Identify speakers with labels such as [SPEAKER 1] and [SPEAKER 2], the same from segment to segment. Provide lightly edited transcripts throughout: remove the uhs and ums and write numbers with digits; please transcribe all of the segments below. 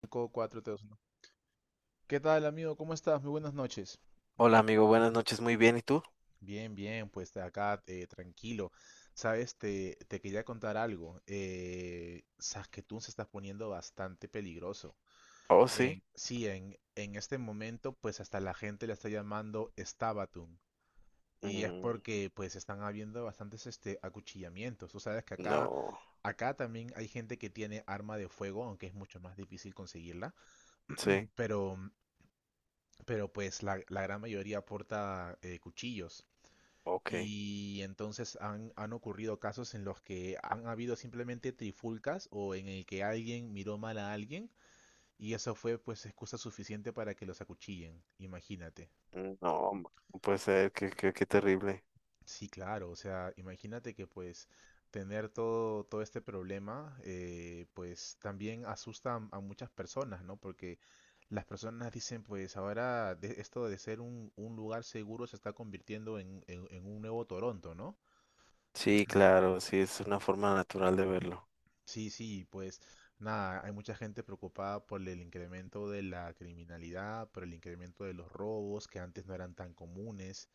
[SPEAKER 1] 5, 4, 3, 1. ¿Qué tal, amigo? ¿Cómo estás? Muy buenas noches.
[SPEAKER 2] Hola amigo, buenas noches, muy bien, ¿y tú?
[SPEAKER 1] Bien, bien, pues acá tranquilo. Sabes, te quería contar algo. Saskatoon se está poniendo bastante peligroso.
[SPEAKER 2] Oh, sí.
[SPEAKER 1] Sí, en este momento, pues hasta la gente la está llamando Stabatun. Y es
[SPEAKER 2] Mm,
[SPEAKER 1] porque, pues, están habiendo bastantes acuchillamientos. Tú sabes que acá,
[SPEAKER 2] no,
[SPEAKER 1] acá también hay gente que tiene arma de fuego, aunque es mucho más difícil conseguirla.
[SPEAKER 2] sí,
[SPEAKER 1] Pero pero pues la gran mayoría porta cuchillos.
[SPEAKER 2] ok.
[SPEAKER 1] Y entonces han ocurrido casos en los que han habido simplemente trifulcas o en el que alguien miró mal a alguien y eso fue pues excusa suficiente para que los acuchillen, imagínate.
[SPEAKER 2] Mm, no, no puede ser, qué terrible.
[SPEAKER 1] Sí, claro, o sea, imagínate que pues tener todo este problema, pues también asusta a muchas personas, ¿no? Porque las personas dicen, pues ahora esto de ser un lugar seguro se está convirtiendo en un nuevo Toronto, ¿no?
[SPEAKER 2] Sí, claro, sí, es una forma natural de verlo.
[SPEAKER 1] Sí, sí, pues nada, hay mucha gente preocupada por el incremento de la criminalidad, por el incremento de los robos que antes no eran tan comunes.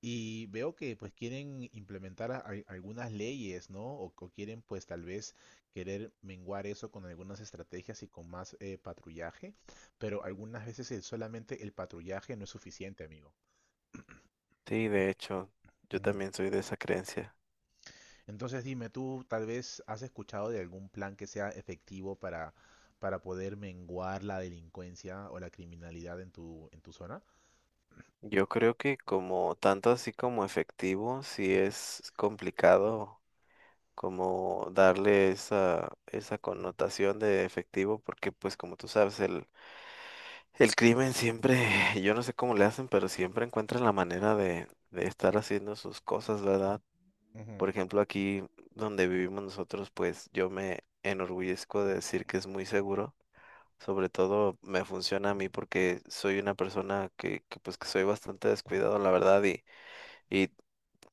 [SPEAKER 1] Y veo que pues quieren implementar algunas leyes, ¿no? O quieren pues tal vez querer menguar eso con algunas estrategias y con más patrullaje, pero algunas veces solamente el patrullaje no es suficiente, amigo.
[SPEAKER 2] Sí, de hecho, yo
[SPEAKER 1] Ujú.
[SPEAKER 2] también soy de esa creencia.
[SPEAKER 1] ¿Entonces dime, tú tal vez has escuchado de algún plan que sea efectivo para poder menguar la delincuencia o la criminalidad en tu zona?
[SPEAKER 2] Yo creo que como tanto así como efectivo, sí es complicado como darle esa, esa connotación de efectivo, porque pues como tú sabes, el crimen siempre, yo no sé cómo le hacen, pero siempre encuentran la manera de estar haciendo sus cosas, ¿verdad?
[SPEAKER 1] Ujú.
[SPEAKER 2] Por ejemplo, aquí donde vivimos nosotros, pues yo me enorgullezco de decir que es muy seguro. Sobre todo me funciona a mí porque soy una persona que, pues que soy bastante descuidado, la verdad, y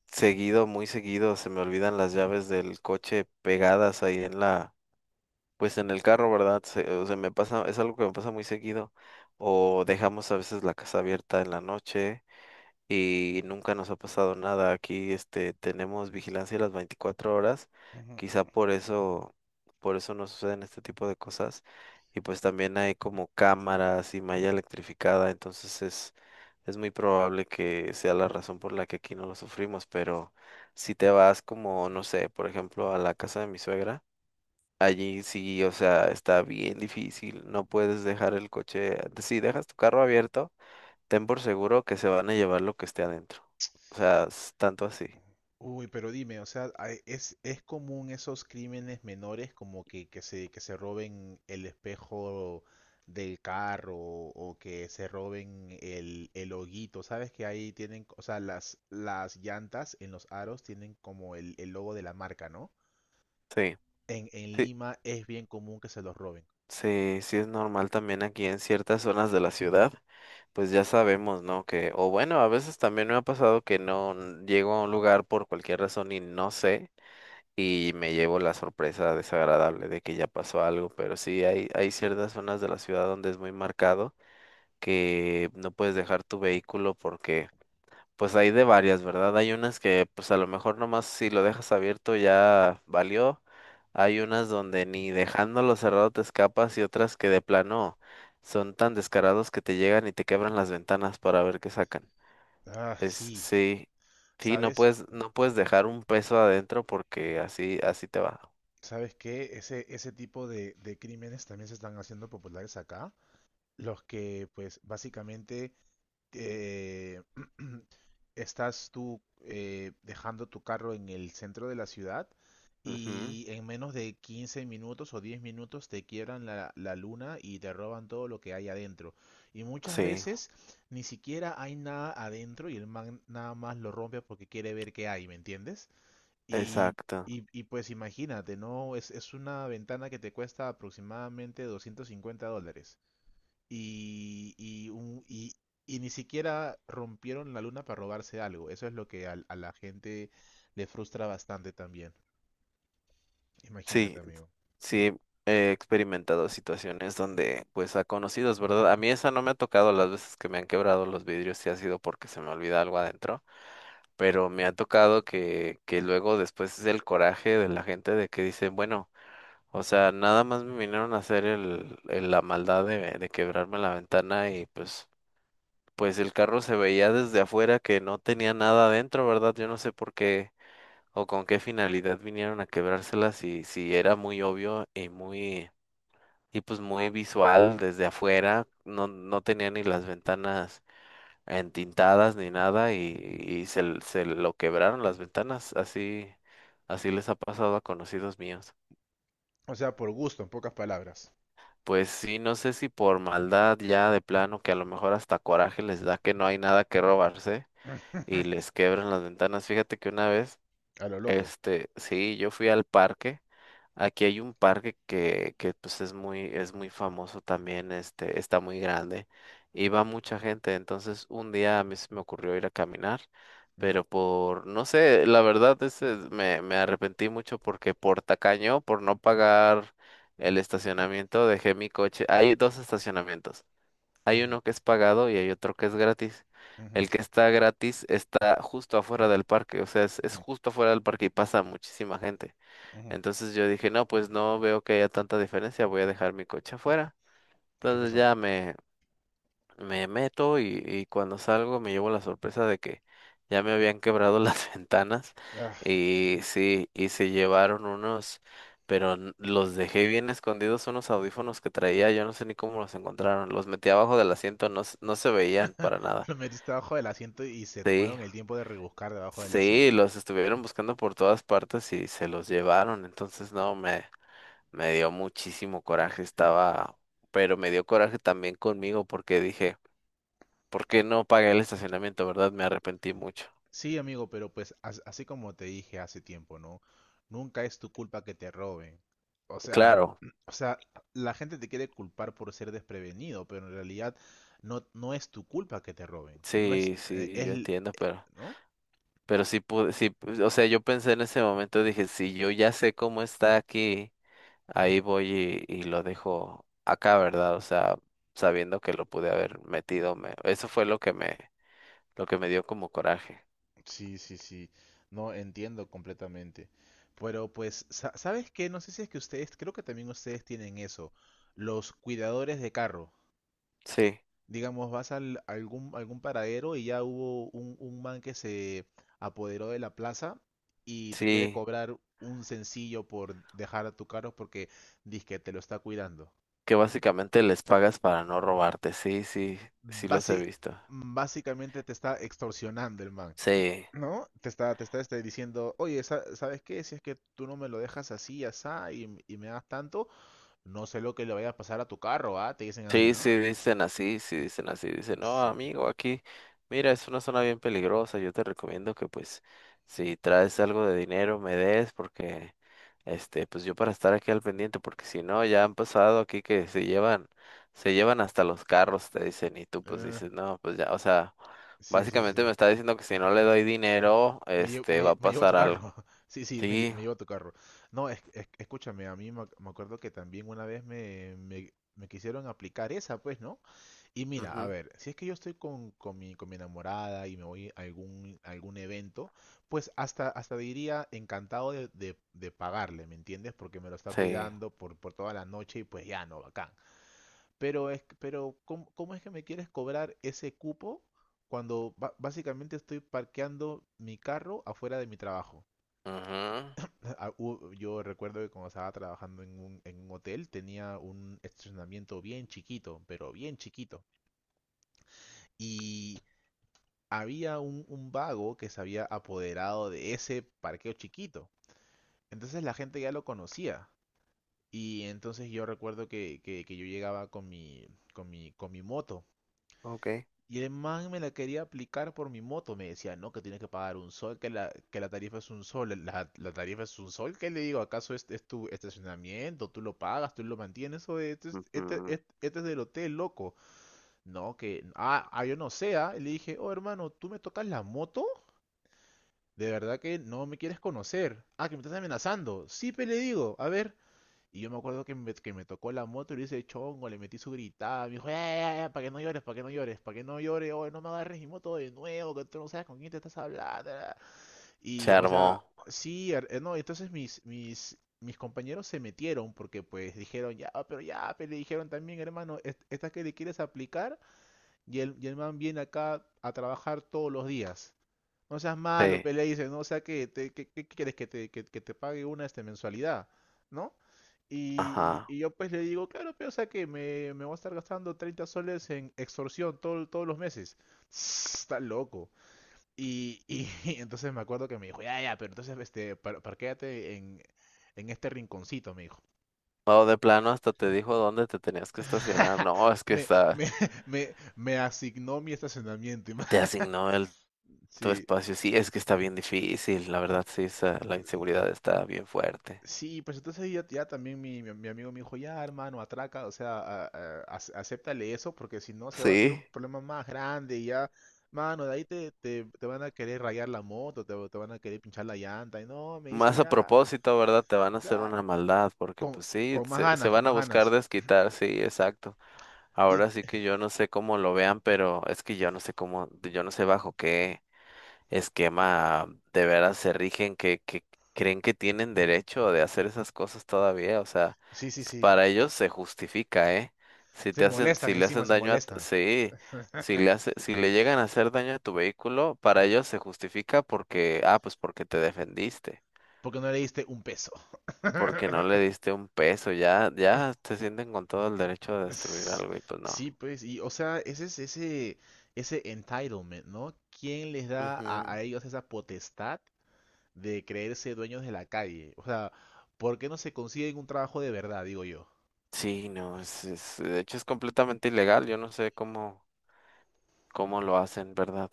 [SPEAKER 2] seguido, muy seguido, se me olvidan las llaves del coche pegadas ahí en la pues en el carro, ¿verdad? Se, o sea, me pasa, es algo que me pasa muy seguido. O dejamos a veces la casa abierta en la noche y nunca nos ha pasado nada. Aquí, este, tenemos vigilancia las 24 horas.
[SPEAKER 1] Ujú.
[SPEAKER 2] Quizá por eso no suceden este tipo de cosas. Y pues también hay como cámaras y malla electrificada, entonces es muy probable que sea la razón por la que aquí no lo sufrimos. Pero si te vas como, no sé, por ejemplo, a la casa de mi suegra. Allí sí, o sea, está bien difícil, no puedes dejar el coche, si dejas tu carro abierto, ten por seguro que se van a llevar lo que esté adentro. O sea, es tanto así.
[SPEAKER 1] Uy, pero dime, o sea, ¿es común esos crímenes menores como que se roben el espejo del carro o que se roben el hoguito? ¿Sabes que ahí tienen, o sea, las llantas en los aros tienen como el logo de la marca, ¿no?
[SPEAKER 2] Sí,
[SPEAKER 1] En
[SPEAKER 2] sí,
[SPEAKER 1] Lima es bien común que se los roben.
[SPEAKER 2] sí, sí es normal también aquí en ciertas zonas de la ciudad, pues ya sabemos, ¿no? Que, o bueno, a veces también me ha pasado que no n- llego a un lugar por cualquier razón y no sé, y me llevo la sorpresa desagradable de que ya pasó algo, pero sí hay ciertas zonas de la ciudad donde es muy marcado que no puedes dejar tu vehículo porque pues hay de varias, ¿verdad? Hay unas que pues a lo mejor nomás si lo dejas abierto ya valió. Hay unas donde ni dejándolo cerrado te escapas y otras que de plano son tan descarados que te llegan y te quebran las ventanas para ver qué sacan.
[SPEAKER 1] Ah,
[SPEAKER 2] Es
[SPEAKER 1] sí,
[SPEAKER 2] sí, sí, no
[SPEAKER 1] ¿sabes?
[SPEAKER 2] puedes, no puedes dejar un peso adentro porque así, así te va.
[SPEAKER 1] ¿Sabes qué? Ese tipo de crímenes también se están haciendo populares acá. Los que, pues, básicamente eh, estás tú dejando tu carro en el centro de la ciudad
[SPEAKER 2] Ujú,
[SPEAKER 1] y en menos de 15 minutos o 10 minutos te quiebran la luna y te roban todo lo que hay adentro. Y muchas
[SPEAKER 2] sí,
[SPEAKER 1] veces ni siquiera hay nada adentro y el man nada más lo rompe porque quiere ver qué hay, ¿me entiendes? Y,
[SPEAKER 2] exacto.
[SPEAKER 1] y pues imagínate, ¿no? Es una ventana que te cuesta aproximadamente $250 y, y, un- y- y ni siquiera rompieron la luna para robarse algo. Eso es lo que la gente le frustra bastante también.
[SPEAKER 2] Sí,
[SPEAKER 1] Imagínate, amigo.
[SPEAKER 2] sí, he experimentado situaciones donde, pues, a conocidos, ¿verdad? A mí esa no me ha tocado las veces que me han quebrado los vidrios, y ha sido porque se me olvida algo adentro, pero me ha tocado que luego después es el coraje de la gente de que dicen, bueno, o sea, nada más me vinieron a hacer la maldad de quebrarme la ventana y pues, pues el carro se veía desde afuera que no tenía nada adentro, ¿verdad? Yo no sé por qué o con qué finalidad vinieron a quebrársela si, si era muy obvio y muy, y pues muy visual desde afuera, no, no tenía ni las ventanas entintadas ni nada y, y se, se lo quebraron las ventanas, así, así les ha pasado a conocidos míos.
[SPEAKER 1] O sea, por gusto, en pocas palabras.
[SPEAKER 2] Pues sí, no sé si por maldad ya de plano, que a lo mejor hasta coraje les da que no hay nada que robarse y les quebran las ventanas. Fíjate que una vez
[SPEAKER 1] A lo loco.
[SPEAKER 2] este, sí, yo fui al parque. Aquí hay un parque que pues es muy famoso también, este, está muy grande y va mucha gente. Entonces, un día a mí se me ocurrió ir a caminar,
[SPEAKER 1] Ujú,
[SPEAKER 2] pero por, no sé, la verdad me, me arrepentí mucho porque por tacaño, por no pagar el estacionamiento, dejé mi coche. Hay dos estacionamientos. Hay
[SPEAKER 1] ujú,
[SPEAKER 2] uno que es pagado y hay otro que es gratis.
[SPEAKER 1] ujú,
[SPEAKER 2] El que está gratis está justo afuera del parque, o sea, es
[SPEAKER 1] ujú,
[SPEAKER 2] justo afuera del parque y pasa muchísima gente.
[SPEAKER 1] ujú.
[SPEAKER 2] Entonces yo dije, no, pues no veo que haya tanta diferencia, voy a dejar mi coche afuera.
[SPEAKER 1] ¿Y qué
[SPEAKER 2] Entonces
[SPEAKER 1] pasó?
[SPEAKER 2] ya me meto y cuando salgo me llevo la sorpresa de que ya me habían quebrado las ventanas
[SPEAKER 1] Ah,
[SPEAKER 2] y sí, y se llevaron unos, pero los dejé bien escondidos unos audífonos que traía, yo no sé ni cómo los encontraron, los metí abajo del asiento, no, no se veían para nada.
[SPEAKER 1] lo metiste debajo del asiento y se
[SPEAKER 2] Sí,
[SPEAKER 1] tomaron el tiempo de rebuscar debajo del
[SPEAKER 2] sí,
[SPEAKER 1] asiento.
[SPEAKER 2] los estuvieron buscando por todas partes y se los llevaron, entonces no, me dio muchísimo coraje, estaba, pero me dio coraje también conmigo porque dije, porque no pagué el estacionamiento, ¿verdad? Me arrepentí mucho.
[SPEAKER 1] Sí, amigo, pero pues así como te dije hace tiempo, ¿no? Nunca es tu culpa que te roben. O sea,
[SPEAKER 2] Claro,
[SPEAKER 1] o sea, la gente te quiere culpar por ser desprevenido, pero en realidad no, no es tu culpa que te roben. No es,
[SPEAKER 2] sí, sí, yo entiendo,
[SPEAKER 1] ¿no?
[SPEAKER 2] pero sí pude, sí, pues, o sea, yo pensé en ese momento, dije, si yo ya sé cómo está aquí, ahí voy y lo dejo acá, ¿verdad? O sea, sabiendo que lo pude haber metido, me, eso fue lo que me dio como coraje.
[SPEAKER 1] Sí, sí, sí. No entiendo completamente. Pero pues, ¿sabes qué? No sé si es que ustedes, creo que también ustedes tienen eso, los cuidadores de carro.
[SPEAKER 2] Sí,
[SPEAKER 1] Digamos, vas algún paradero y ya hubo un man que se apoderó de la plaza y te quiere
[SPEAKER 2] sí,
[SPEAKER 1] cobrar un sencillo por dejar a tu carro porque dice que te lo está cuidando.
[SPEAKER 2] que básicamente les pagas para no robarte, sí, sí, sí los he
[SPEAKER 1] Basi-
[SPEAKER 2] visto.
[SPEAKER 1] Básicamente te está extorsionando el man,
[SPEAKER 2] Sí.
[SPEAKER 1] ¿no? Te está, diciendo, oye, ¿sabes qué? Si es que tú no me lo dejas así, asá, y me das tanto, no sé lo que le vaya a pasar a tu carro, ¿ah? Te dicen así,
[SPEAKER 2] Sí,
[SPEAKER 1] ¿no?
[SPEAKER 2] sí, dicen así, dicen, no,
[SPEAKER 1] Sí,
[SPEAKER 2] amigo, aquí, mira, es una zona bien peligrosa, yo te recomiendo que pues si traes algo de dinero me des porque, este, pues yo para estar aquí al pendiente, porque si no, ya han pasado aquí que se llevan hasta los carros, te dicen, y tú pues
[SPEAKER 1] eh,
[SPEAKER 2] dices, no, pues ya, o sea,
[SPEAKER 1] sí, sí. Sí.
[SPEAKER 2] básicamente me está diciendo que si no le doy dinero,
[SPEAKER 1] Me llevo,
[SPEAKER 2] este, va a
[SPEAKER 1] me llevo tu
[SPEAKER 2] pasar
[SPEAKER 1] carro.
[SPEAKER 2] algo.
[SPEAKER 1] Sí, sí,
[SPEAKER 2] Sí,
[SPEAKER 1] me llevo tu carro. No, escúchame, a mí me acuerdo que también una vez me quisieron aplicar esa, pues, ¿no? Y mira, a
[SPEAKER 2] ujú,
[SPEAKER 1] ver, si es que yo estoy con mi enamorada y me voy a algún evento, pues hasta diría encantado de pagarle, ¿me entiendes? Porque me lo está
[SPEAKER 2] sí,
[SPEAKER 1] cuidando por toda la noche y pues ya, no, bacán. Pero ¿cómo es que me quieres cobrar ese cupo cuando básicamente estoy parqueando mi carro afuera de mi trabajo?
[SPEAKER 2] ujú,
[SPEAKER 1] Yo recuerdo que cuando estaba trabajando en un hotel tenía un estacionamiento bien chiquito, pero bien chiquito. Y había un vago que se había apoderado de ese parqueo chiquito. Entonces la gente ya lo conocía. Y entonces yo recuerdo que yo llegaba con mi moto.
[SPEAKER 2] ok.
[SPEAKER 1] Y el man me la quería aplicar por mi moto. Me decía, no, que tienes que pagar 1 sol, que la tarifa es 1 sol. La tarifa es 1 sol. ¿Qué le digo? ¿Acaso este es tu estacionamiento? ¿Tú lo pagas? ¿Tú lo mantienes? O este es del hotel, loco. No, que... yo no sé. Ah. Y le dije, oh, hermano, ¿tú me tocas la moto? De verdad que no me quieres conocer. Ah, que me estás amenazando. Sí, pero le digo, a ver, y yo me acuerdo que me tocó la moto y le hice chongo, le metí su gritada, me dijo, ya, ya, ya, para que no llores, para que no llores, para que no llores, oye, no me agarres mi moto de nuevo, que tú no sabes con quién te estás hablando.
[SPEAKER 2] Se
[SPEAKER 1] Y, o sea,
[SPEAKER 2] armó,
[SPEAKER 1] sí, no, entonces mis compañeros se metieron porque pues dijeron, ya, pero le dijeron también, hermano, esta que le quieres aplicar y el man viene acá a trabajar todos los días. No seas malo,
[SPEAKER 2] sí,
[SPEAKER 1] pe, le dice, ¿no? O sea, que quieres que te pague una mensualidad, ¿no? Y,
[SPEAKER 2] ajá.
[SPEAKER 1] y- y yo pues le digo, claro, pero o sea que me voy a estar gastando 30 soles en extorsión todos los meses. Está loco. Y entonces me acuerdo que me dijo, ya, ya, pero entonces parquéate en este rinconcito, me dijo.
[SPEAKER 2] O de plano hasta te dijo dónde te tenías que estacionar. No, es que
[SPEAKER 1] Me,
[SPEAKER 2] está,
[SPEAKER 1] me, me asignó mi estacionamiento.
[SPEAKER 2] te asignó el tu
[SPEAKER 1] Sí.
[SPEAKER 2] espacio. Sí, es que está bien difícil. La verdad, sí, la inseguridad está bien fuerte.
[SPEAKER 1] Sí, pues entonces ya, ya también mi amigo me dijo, ya hermano, atraca, o sea, acéptale eso, porque si no se va a hacer
[SPEAKER 2] Sí,
[SPEAKER 1] un problema más grande y ya, mano, de ahí te van a querer rayar la moto, te van a querer pinchar la llanta, y no, me dice,
[SPEAKER 2] más a
[SPEAKER 1] ya,
[SPEAKER 2] propósito, ¿verdad? Te van a hacer una
[SPEAKER 1] claro,
[SPEAKER 2] maldad, porque
[SPEAKER 1] con,
[SPEAKER 2] pues sí,
[SPEAKER 1] con más
[SPEAKER 2] se
[SPEAKER 1] ganas, con
[SPEAKER 2] van a
[SPEAKER 1] más
[SPEAKER 2] buscar
[SPEAKER 1] ganas.
[SPEAKER 2] desquitar, sí, exacto.
[SPEAKER 1] Y
[SPEAKER 2] Ahora sí que yo no sé cómo lo vean, pero es que yo no sé cómo, yo no sé bajo qué esquema de veras se rigen, que creen que tienen derecho de hacer esas cosas todavía, o sea,
[SPEAKER 1] sí, sí, sí,
[SPEAKER 2] para ellos se justifica, ¿eh? Si
[SPEAKER 1] se
[SPEAKER 2] te hacen,
[SPEAKER 1] molestan
[SPEAKER 2] si le
[SPEAKER 1] encima,
[SPEAKER 2] hacen
[SPEAKER 1] se
[SPEAKER 2] daño a, t-
[SPEAKER 1] molestan,
[SPEAKER 2] sí, si le hace, si le llegan a hacer daño a tu vehículo, para ellos se justifica porque, ah, pues porque te defendiste,
[SPEAKER 1] porque no le diste un peso.
[SPEAKER 2] porque no le diste un peso, ya, ya se sienten con todo el derecho de destruir
[SPEAKER 1] S-
[SPEAKER 2] algo y pues
[SPEAKER 1] Sí,
[SPEAKER 2] no.
[SPEAKER 1] pues, y o sea, ese entitlement, ¿no? ¿Quién les da
[SPEAKER 2] Ujú.
[SPEAKER 1] a ellos esa potestad de creerse dueños de la calle? O sea, ¿por qué no se consiguen un trabajo de verdad, digo yo?
[SPEAKER 2] Sí, no, es, de hecho es completamente ilegal, yo no sé cómo, cómo lo hacen, ¿verdad?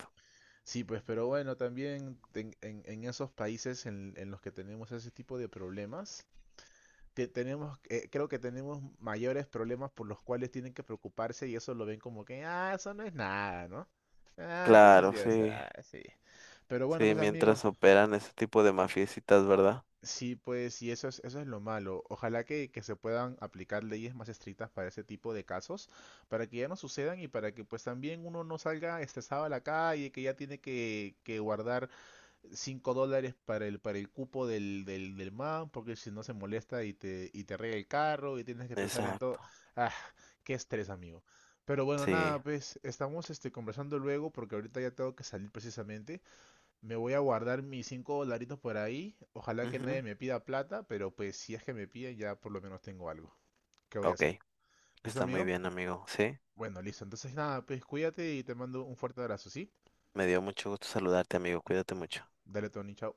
[SPEAKER 1] Sí, pues, pero bueno, también en esos países en los que tenemos ese tipo de problemas, tenemos, creo que tenemos mayores problemas por los cuales tienen que preocuparse y eso lo ven como que, ah, eso no es nada, ¿no? Ah, eso es
[SPEAKER 2] Claro,
[SPEAKER 1] así, o
[SPEAKER 2] sí,
[SPEAKER 1] sea, ah, sí. Pero bueno,
[SPEAKER 2] sí,
[SPEAKER 1] pues, amigo.
[SPEAKER 2] mientras operan ese tipo de mafiecitas, ¿verdad?
[SPEAKER 1] Sí, pues, y eso es lo malo. Ojalá que se puedan aplicar leyes más estrictas para ese tipo de casos, para que ya no sucedan y para que pues también uno no salga estresado a la calle, que ya tiene que guardar $5 para el cupo del man, porque si no se molesta y te rega el carro y tienes que pensar en todo.
[SPEAKER 2] Exacto,
[SPEAKER 1] Ah, qué estrés, amigo. Pero bueno,
[SPEAKER 2] sí.
[SPEAKER 1] nada, pues estamos conversando luego porque ahorita ya tengo que salir precisamente. Me voy a guardar mis 5 dolaritos por ahí. Ojalá que
[SPEAKER 2] Ujú.
[SPEAKER 1] nadie me pida plata, pero pues si es que me piden ya por lo menos tengo algo. ¿Qué voy a
[SPEAKER 2] Ok,
[SPEAKER 1] hacer? ¿Listo,
[SPEAKER 2] está muy
[SPEAKER 1] amigo?
[SPEAKER 2] bien, amigo. Sí,
[SPEAKER 1] Bueno, listo. Entonces nada, pues cuídate y te mando un fuerte abrazo, ¿sí?
[SPEAKER 2] me dio mucho gusto saludarte, amigo. Cuídate mucho.
[SPEAKER 1] Dale, Tony, chao.